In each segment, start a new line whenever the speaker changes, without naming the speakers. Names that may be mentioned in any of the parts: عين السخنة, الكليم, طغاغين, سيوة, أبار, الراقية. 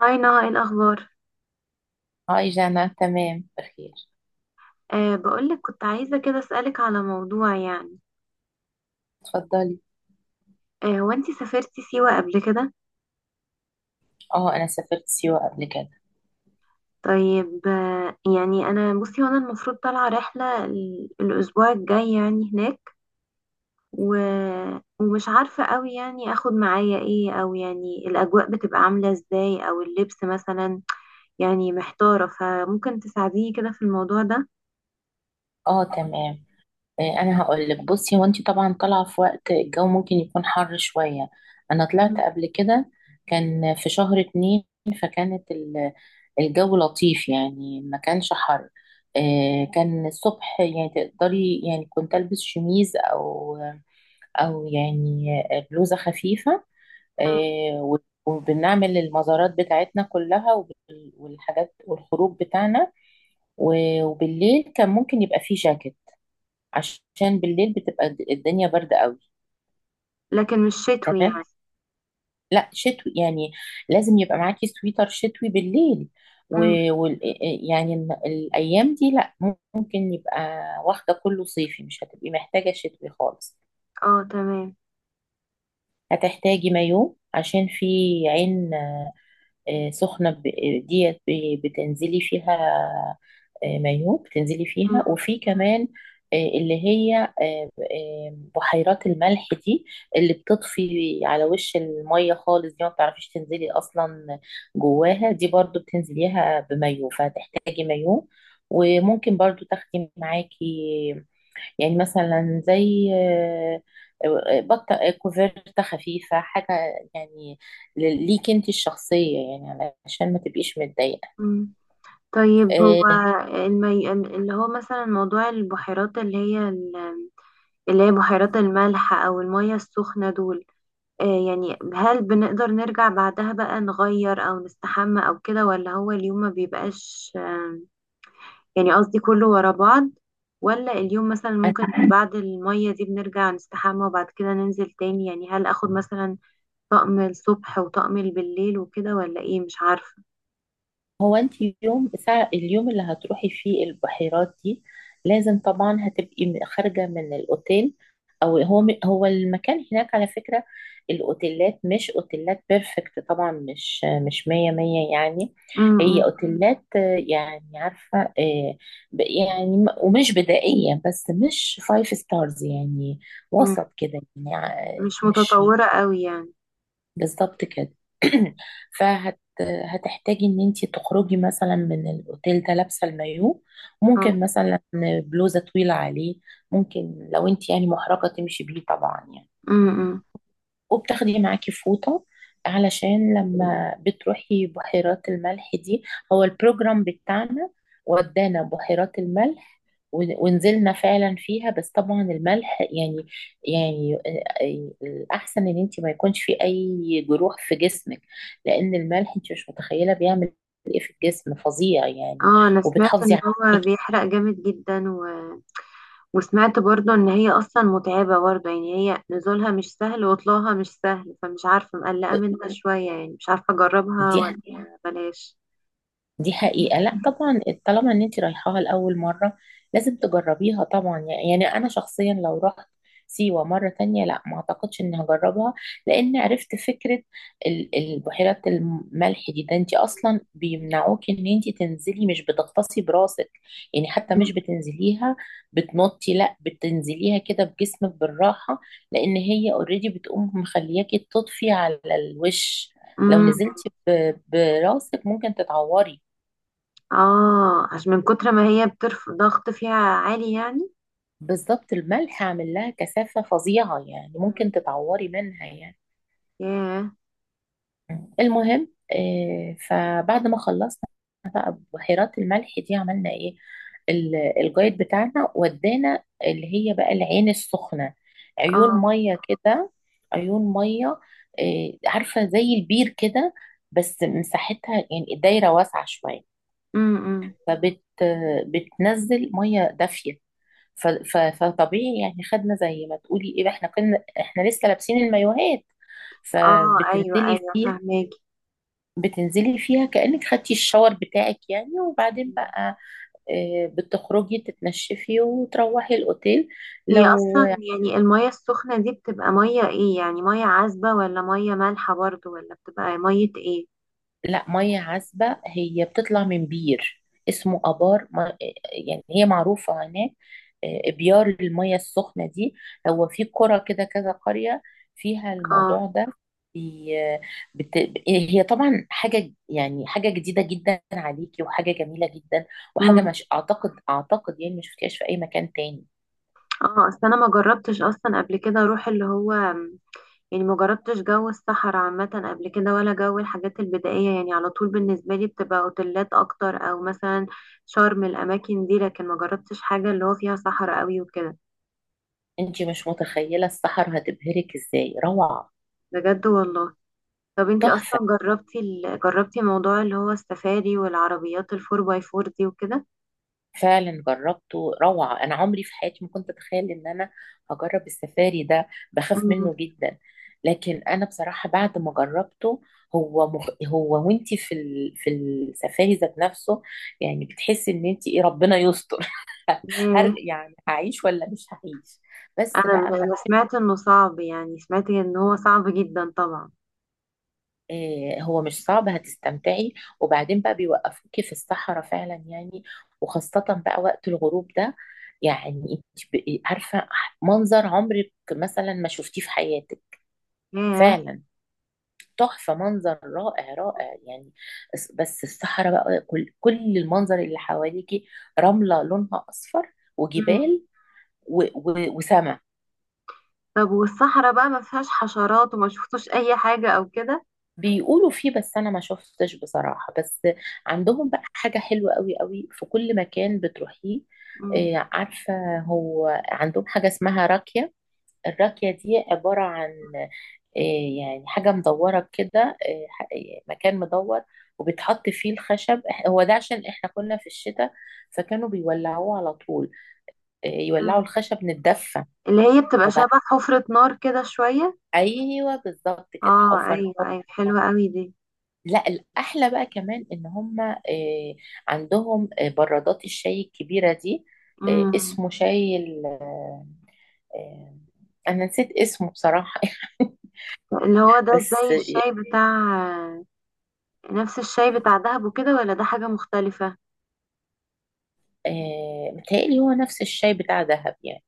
هاي نهى، ايه الاخبار؟
هاي جانا، تمام، بخير.
بقولك كنت عايزه كده اسالك على موضوع، يعني.
اتفضلي.
هو انتي سافرتي سيوه قبل كده؟
اه، انا سافرت سيوة قبل كده.
طيب، يعني انا بصي، هو انا المفروض طالعه رحله الاسبوع الجاي يعني هناك. و... ومش عارفه قوي يعني اخد معايا ايه، او يعني الاجواء بتبقى عامله ازاي، او اللبس مثلا. يعني محتاره، فممكن تساعديني كده في الموضوع ده؟
اه، تمام. انا هقول لك، بصي، هو انت طبعا طالعه في وقت الجو ممكن يكون حر شويه. انا طلعت
مم.
قبل كده، كان في شهر اتنين. فكانت ال- الجو لطيف، يعني ما كانش حر. كان الصبح، يعني تقدري، يعني كنت البس شميز او يعني بلوزه خفيفه. آه، و- وبنعمل المزارات بتاعتنا كلها والحاجات والخروج بتاعنا. وبالليل كان ممكن يبقى فيه جاكيت، عشان بالليل بتبقى الدنيا باردة قوي.
لكن مش شتوي
تمام.
يعني؟
لا شتوي يعني، لازم يبقى معاكي سويتر شتوي بالليل.
مم.
و- وال آه، آه، يعني الأيام دي لا، ممكن يبقى واخدة كله صيفي، مش هتبقي محتاجة شتوي خالص.
اه، تمام.
هتحتاجي مايو عشان في عين سخنة بتنزلي فيها. مايو بتنزلي فيها،
مم.
وفي كمان آه، اللي هي آه، آه، بحيرات الملح دي، اللي بتطفي على وش المية خالص دي ما بتعرفيش تنزلي أصلا. جواها دي برضو بتنزليها بمايو، فهتحتاجي مايو. وممكن برضو تاخدي معاكي، يعني مثلا زي بطة، كوفرتة خفيفة، حاجة يعني ليك انت الشخصية، يعني علشان ما تبقيش متضايقة.
مم. طيب، هو اللي هو مثلا موضوع البحيرات، اللي هي بحيرات الملح او المية السخنة دول، يعني هل بنقدر نرجع بعدها بقى نغير او نستحمى او كده، ولا هو اليوم ما بيبقاش يعني، قصدي كله ورا بعض، ولا اليوم مثلا
آه،
ممكن بعد المية دي بنرجع نستحمى وبعد كده ننزل تاني، يعني هل اخد مثلا طقم الصبح وطقم بالليل وكده ولا ايه؟ مش عارفة.
هو انت يوم ساعة اليوم اللي هتروحي فيه البحيرات دي، لازم طبعا هتبقي خارجة من الاوتيل. هو المكان هناك على فكرة، الاوتيلات مش اوتيلات بيرفكت طبعا، مش مية مية يعني.
م-
هي
م-
اوتيلات يعني عارفة ب- يعني ومش بدائية، بس مش فايف ستارز يعني،
م-
وسط كده يعني
مش
مش.
متطورة قوي يعني.
بالظبط كده. فهت هتحتاجي ان انت تخرجي مثلا من الاوتيل ده لابسه المايو،
اه.
ممكن مثلا بلوزه طويله عليه، ممكن لو انت يعني محرجه تمشي بيه طبعا يعني،
امم.
وبتاخدي معاكي فوطة، علشان لما بتروحي بحيرات الملح دي. هو البروجرام بتاعنا ودانا بحيرات الملح ونزلنا فعلا فيها، بس طبعا الملح يعني، يعني الأحسن إن أنت ما يكونش في أي جروح في جسمك، لأن الملح أنت مش متخيلة بيعمل إيه في الجسم، فظيع يعني،
اه، انا سمعت
وبتحافظي
ان هو
عليكي.
بيحرق جامد جدا وسمعت برضو ان هي اصلا متعبة برضو، يعني هي نزولها مش سهل وطلوعها مش سهل، فمش عارفة، مقلقة منها شوية، يعني مش عارفة اجربها
دي
ولا بلاش.
دي حقيقة، لا طبعا طالما ان انت رايحاها لأول مرة لازم تجربيها طبعا، يعني انا شخصيا لو رحت سيوة مرة تانية، لا ما اعتقدش اني هجربها، لان عرفت فكرة البحيرات الملح دي، ده انت اصلا بيمنعوك ان انت تنزلي، مش بتغطسي براسك، يعني حتى
مم.
مش بتنزليها، بتنطي، لا، بتنزليها كده بجسمك بالراحة، لان هي اوريدي بتقوم مخلياكي تطفي على الوش. لو
مم.
نزلتي براسك ممكن تتعوري.
اه، عشان من كتر ما هي بترفع ضغط فيها عالي يعني.
بالظبط، الملح عامل لها كثافة فظيعة يعني، ممكن تتعوري منها يعني.
ياه.
المهم فبعد ما خلصنا بحيرات الملح دي عملنا ايه، الجايد بتاعنا ودانا اللي هي بقى العين السخنة، عيون
اه.
مية كده، عيون مية عارفة زي البير كده، بس مساحتها يعني الدايرة واسعة شوية.
امم.
فبت آه، بتنزل مية دافية، فطبيعي يعني خدنا زي ما تقولي ايه، احنا كنا لسه لابسين المايوهات،
اه، ايوه
فبتنزلي
ايوه،
فيها.
فهماكي.
بتنزلي فيها كأنك خدتي الشاور بتاعك يعني، وبعدين بقى بتخرجي تتنشفي وتروحي الأوتيل.
هي
لو
اصلا يعني المية السخنة دي بتبقى مية ايه؟ يعني مية عذبة ولا مية مالحة برضو، ولا بتبقى مية ايه؟
لا، ميه عذبه، هي بتطلع من بير اسمه ابار ما، يعني هي معروفه هناك، ابيار الميه السخنه دي. هو في قرى كده كذا قريه فيها
اه.
الموضوع ده. بي- بت... هي طبعا حاجه، يعني حاجه جديده جدا عليكي، وحاجه جميله جدا، وحاجه
امم.
مش اعتقد يعني ما شفتيهاش في اي مكان تاني.
اه، اصل انا ما جربتش اصلا قبل كده اروح اللي هو، يعني ما جربتش جو الصحراء عامة قبل كده، ولا جو الحاجات البدائية، يعني على طول بالنسبة لي بتبقى اوتيلات اكتر، او مثلا شرم الاماكن دي، لكن ما جربتش حاجة اللي هو فيها صحراء قوي وكده.
انت مش متخيله السحر هتبهرك ازاي، روعه،
بجد والله. طب انتي اصلا
تحفه.
جربتي موضوع اللي هو السفاري والعربيات الفور باي فور دي وكده؟
فعلا جربته، روعة، أنا عمري في حياتي ما كنت أتخيل إن أنا هجرب السفاري ده، بخاف منه جدا، لكن أنا بصراحة بعد ما جربته، هو وانتي في في السفاري ذات نفسه، يعني بتحسي إن انتي إيه، ربنا يستر.
ياه.
يعني هعيش ولا مش هعيش. بس
انا
بقى أما
انا سمعت انه صعب، يعني سمعت ان هو صعب جدا طبعا.
هو مش صعب، هتستمتعي. وبعدين بقى بيوقفوكي في الصحراء فعلا يعني، وخاصة بقى وقت الغروب ده، يعني انت بقي عارفة منظر عمرك مثلا ما شفتيه في حياتك،
ياه.
فعلا، تحفة، منظر رائع رائع يعني. بس الصحراء بقى، كل كل المنظر اللي حواليكي، رملة لونها أصفر،
مم.
وجبال وسماء.
طب، والصحراء بقى ما فيهاش حشرات وما شفتوش اي حاجة او كده؟
بيقولوا فيه بس انا ما شفتش بصراحة. بس عندهم بقى حاجة حلوة قوي قوي في كل مكان بتروحيه.
مم.
عارفة، هو عندهم حاجة اسمها راكية، الراكية دي عبارة عن آه، يعني حاجة مدورة كده، مكان مدور، وبتحط فيه الخشب. هو ده عشان احنا كنا في الشتاء، فكانوا بيولعوه على طول، يولعوا
مم.
الخشب نتدفى.
اللي هي بتبقى
وبعد-
شبه حفرة نار كده شوية.
ايوه بالظبط كده
اه،
حفر.
ايوه ايوه، حلوة قوي دي.
لا الأحلى بقى كمان إن هم عندهم برادات الشاي الكبيرة دي،
مم.
اسمه شاي آه، أنا نسيت اسمه بصراحة.
اللي هو ده
بس
زي الشاي بتاع، نفس الشاي بتاع دهب وكده ولا ده حاجة مختلفة؟
متهيألي هو نفس الشاي بتاع دهب يعني،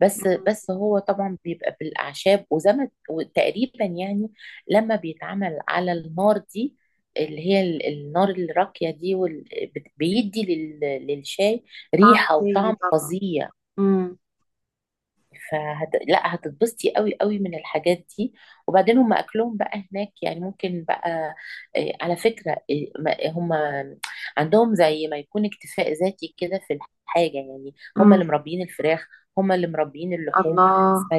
بس
مم.
بس هو طبعا بيبقى بالأعشاب وزي ما وتقريبا يعني لما بيتعمل على النار دي، اللي هي النار الراقية دي، بيدي للشاي
طعم
ريحة
تاني
وطعم
طبعا.
فظيع.
مم.
لا هتتبسطي قوي قوي من الحاجات دي. وبعدين هم اكلهم بقى هناك يعني ممكن بقى إيه، على فكره، هم عندهم زي ما يكون اكتفاء ذاتي كده في الحاجه، يعني هم
مم.
اللي مربيين الفراخ، هم اللي مربيين اللحوم.
الله.
ف...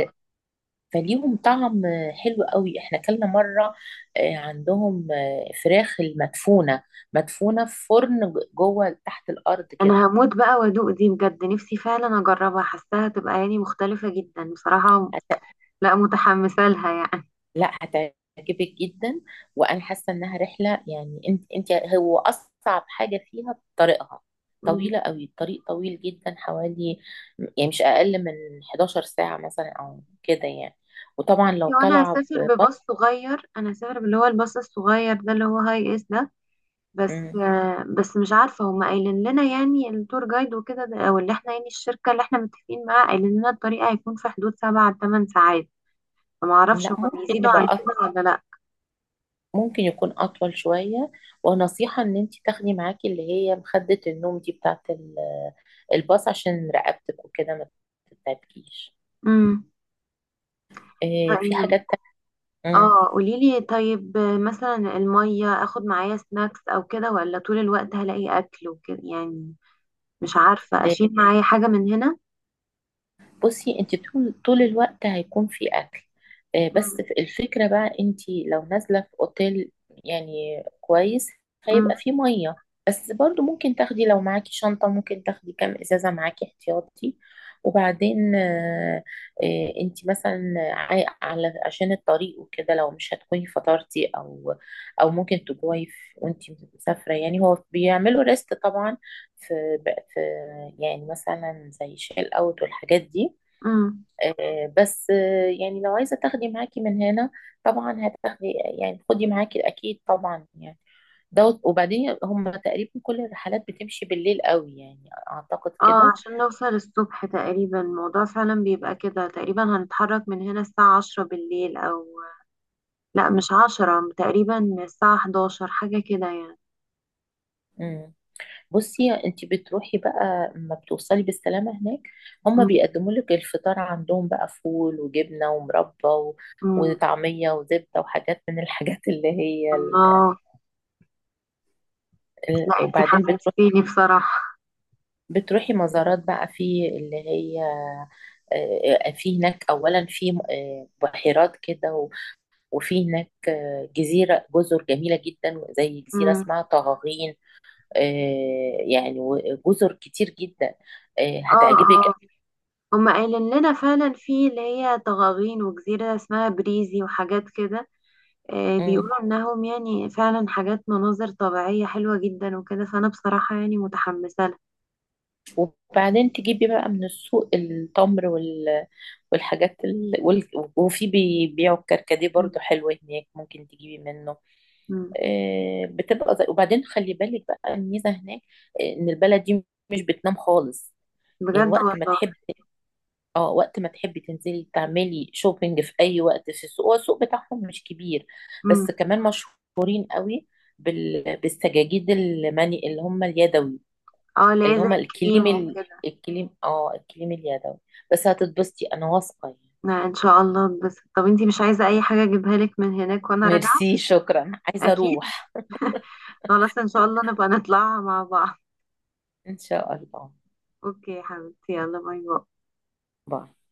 فليهم طعم حلو قوي، احنا اكلنا مره إيه، عندهم إيه، فراخ المدفونه، مدفونه في فرن جوه تحت الارض كده.
انا هموت بقى وادوق دي، بجد نفسي فعلا اجربها، حاساها تبقى يعني مختلفة جدا بصراحة. لا، متحمسة لها يعني.
لا هتعجبك جدا. وانا حاسه انها رحله، يعني انت هو اصعب حاجه فيها طريقها،
مم.
طويله قوي، الطريق طويل جدا، حوالي يعني مش اقل من 11 ساعه مثلا او كده يعني. وطبعا لو
وانا
طالعه
هسافر
ببط.
بباص صغير، انا هسافر باللي هو الباص الصغير ده اللي هو هاي اس ده. بس
مم.
بس مش عارفة، هما قايلين لنا يعني التور جايد وكده او اللي احنا يعني الشركة اللي احنا متفقين معاها قايلين لنا الطريق هيكون في حدود 7 لـ 8 ساعات. فما اعرفش
لا
هما
ممكن
بيزيدوا عن
يبقى
كده ولا لا.
ممكن يكون اطول شويه. ونصيحه ان انت تاخدي معاكي اللي هي مخده النوم دي بتاعت الباص، عشان رقبتك وكده ما تتعبكيش.
امم.
في حاجات تانية.
اه، قوليلي. طيب، مثلا المية، اخد معايا سناكس او كده ولا طول الوقت هلاقي اكل وكده يعني، مش عارفة اشيل معايا حاجة من هنا.
بصي انت طول الوقت هيكون في اكل،
مم.
بس الفكره بقى انت لو نازله في اوتيل يعني كويس
مم.
هيبقى فيه ميه، بس برضو ممكن تاخدي لو معاكي شنطه ممكن تاخدي كام ازازه معاكي احتياطي. وبعدين انت مثلا على عشان الطريق وكده، لو مش هتكوني فطرتي او ممكن تجوعي وانت مسافره يعني، هو بيعملوا ريست طبعا في, في, يعني مثلا زي شيل اوت والحاجات دي.
مم.
بس يعني لو عايزة تاخدي معاكي من هنا طبعا هتاخدي، يعني خدي معاكي أكيد طبعا يعني. دوت، وبعدين هم تقريبا كل الرحلات بتمشي بالليل قوي يعني أعتقد
اه،
كده.
عشان نوصل الصبح تقريبا. الموضوع فعلا بيبقى كده تقريبا، هنتحرك من هنا الساعة 10 بالليل او، لا مش 10 تقريبا، الساعة 11 حاجة كده يعني.
مم. بصي انت بتروحي بقى لما بتوصلي بالسلامة هناك، هم
مم.
بيقدموا لك الفطار عندهم بقى فول وجبنة ومربى
مم.
وطعمية وزبدة وحاجات من الحاجات اللي هي
الله. لا، انتي
وبعدين
حمستيني بصراحة.
بتروحي مزارات بقى في اللي هي، في هناك أولا في بحيرات كده، وفي هناك آه، جزيرة جزر جميلة جدا، زي جزيرة
مم.
اسمها طغاغين، يعني وجزر كتير جدا،
اه
هتعجبك.
اه. هما قايلين لنا فعلا في اللي هي طغاغين وجزيرة اسمها بريزي وحاجات كده،
مم.
بيقولوا انهم يعني فعلا حاجات مناظر طبيعية حلوة جدا وكده، فانا بصراحة يعني متحمسة لها.
وبعدين تجيبي بقى من السوق التمر والحاجات وفي بيبيعوا الكركديه
مم.
برضو حلو هناك ممكن تجيبي منه.
مم.
بتبقى وبعدين خلي بالك بقى الميزة هناك إن البلد دي مش بتنام خالص، يعني
بجد
وقت ما
والله.
تحب، اه وقت ما تحبي تنزلي تعملي شوبينج في اي وقت في السوق. هو السوق بتاعهم مش كبير، بس
مم.
كمان مشهورين قوي بالسجاجيد المني اللي هم اليدوي،
اه، اللي
اللي
هي زي
هم
الكريم
الكليم
وكده.
الكليم، اه الكليم اليدوي. بس هتتبسطي، انا واثقه يعني.
لا ان شاء الله. بس طب انتي مش عايزة اي حاجة اجيبها لك من هناك وانا راجعة؟
ميرسي، شكرا، عايزه
اكيد.
اروح.
خلاص، ان شاء الله نبقى نطلعها مع بعض.
ان شاء الله.
اوكي يا حبيبتي، يلا باي باي.
باي.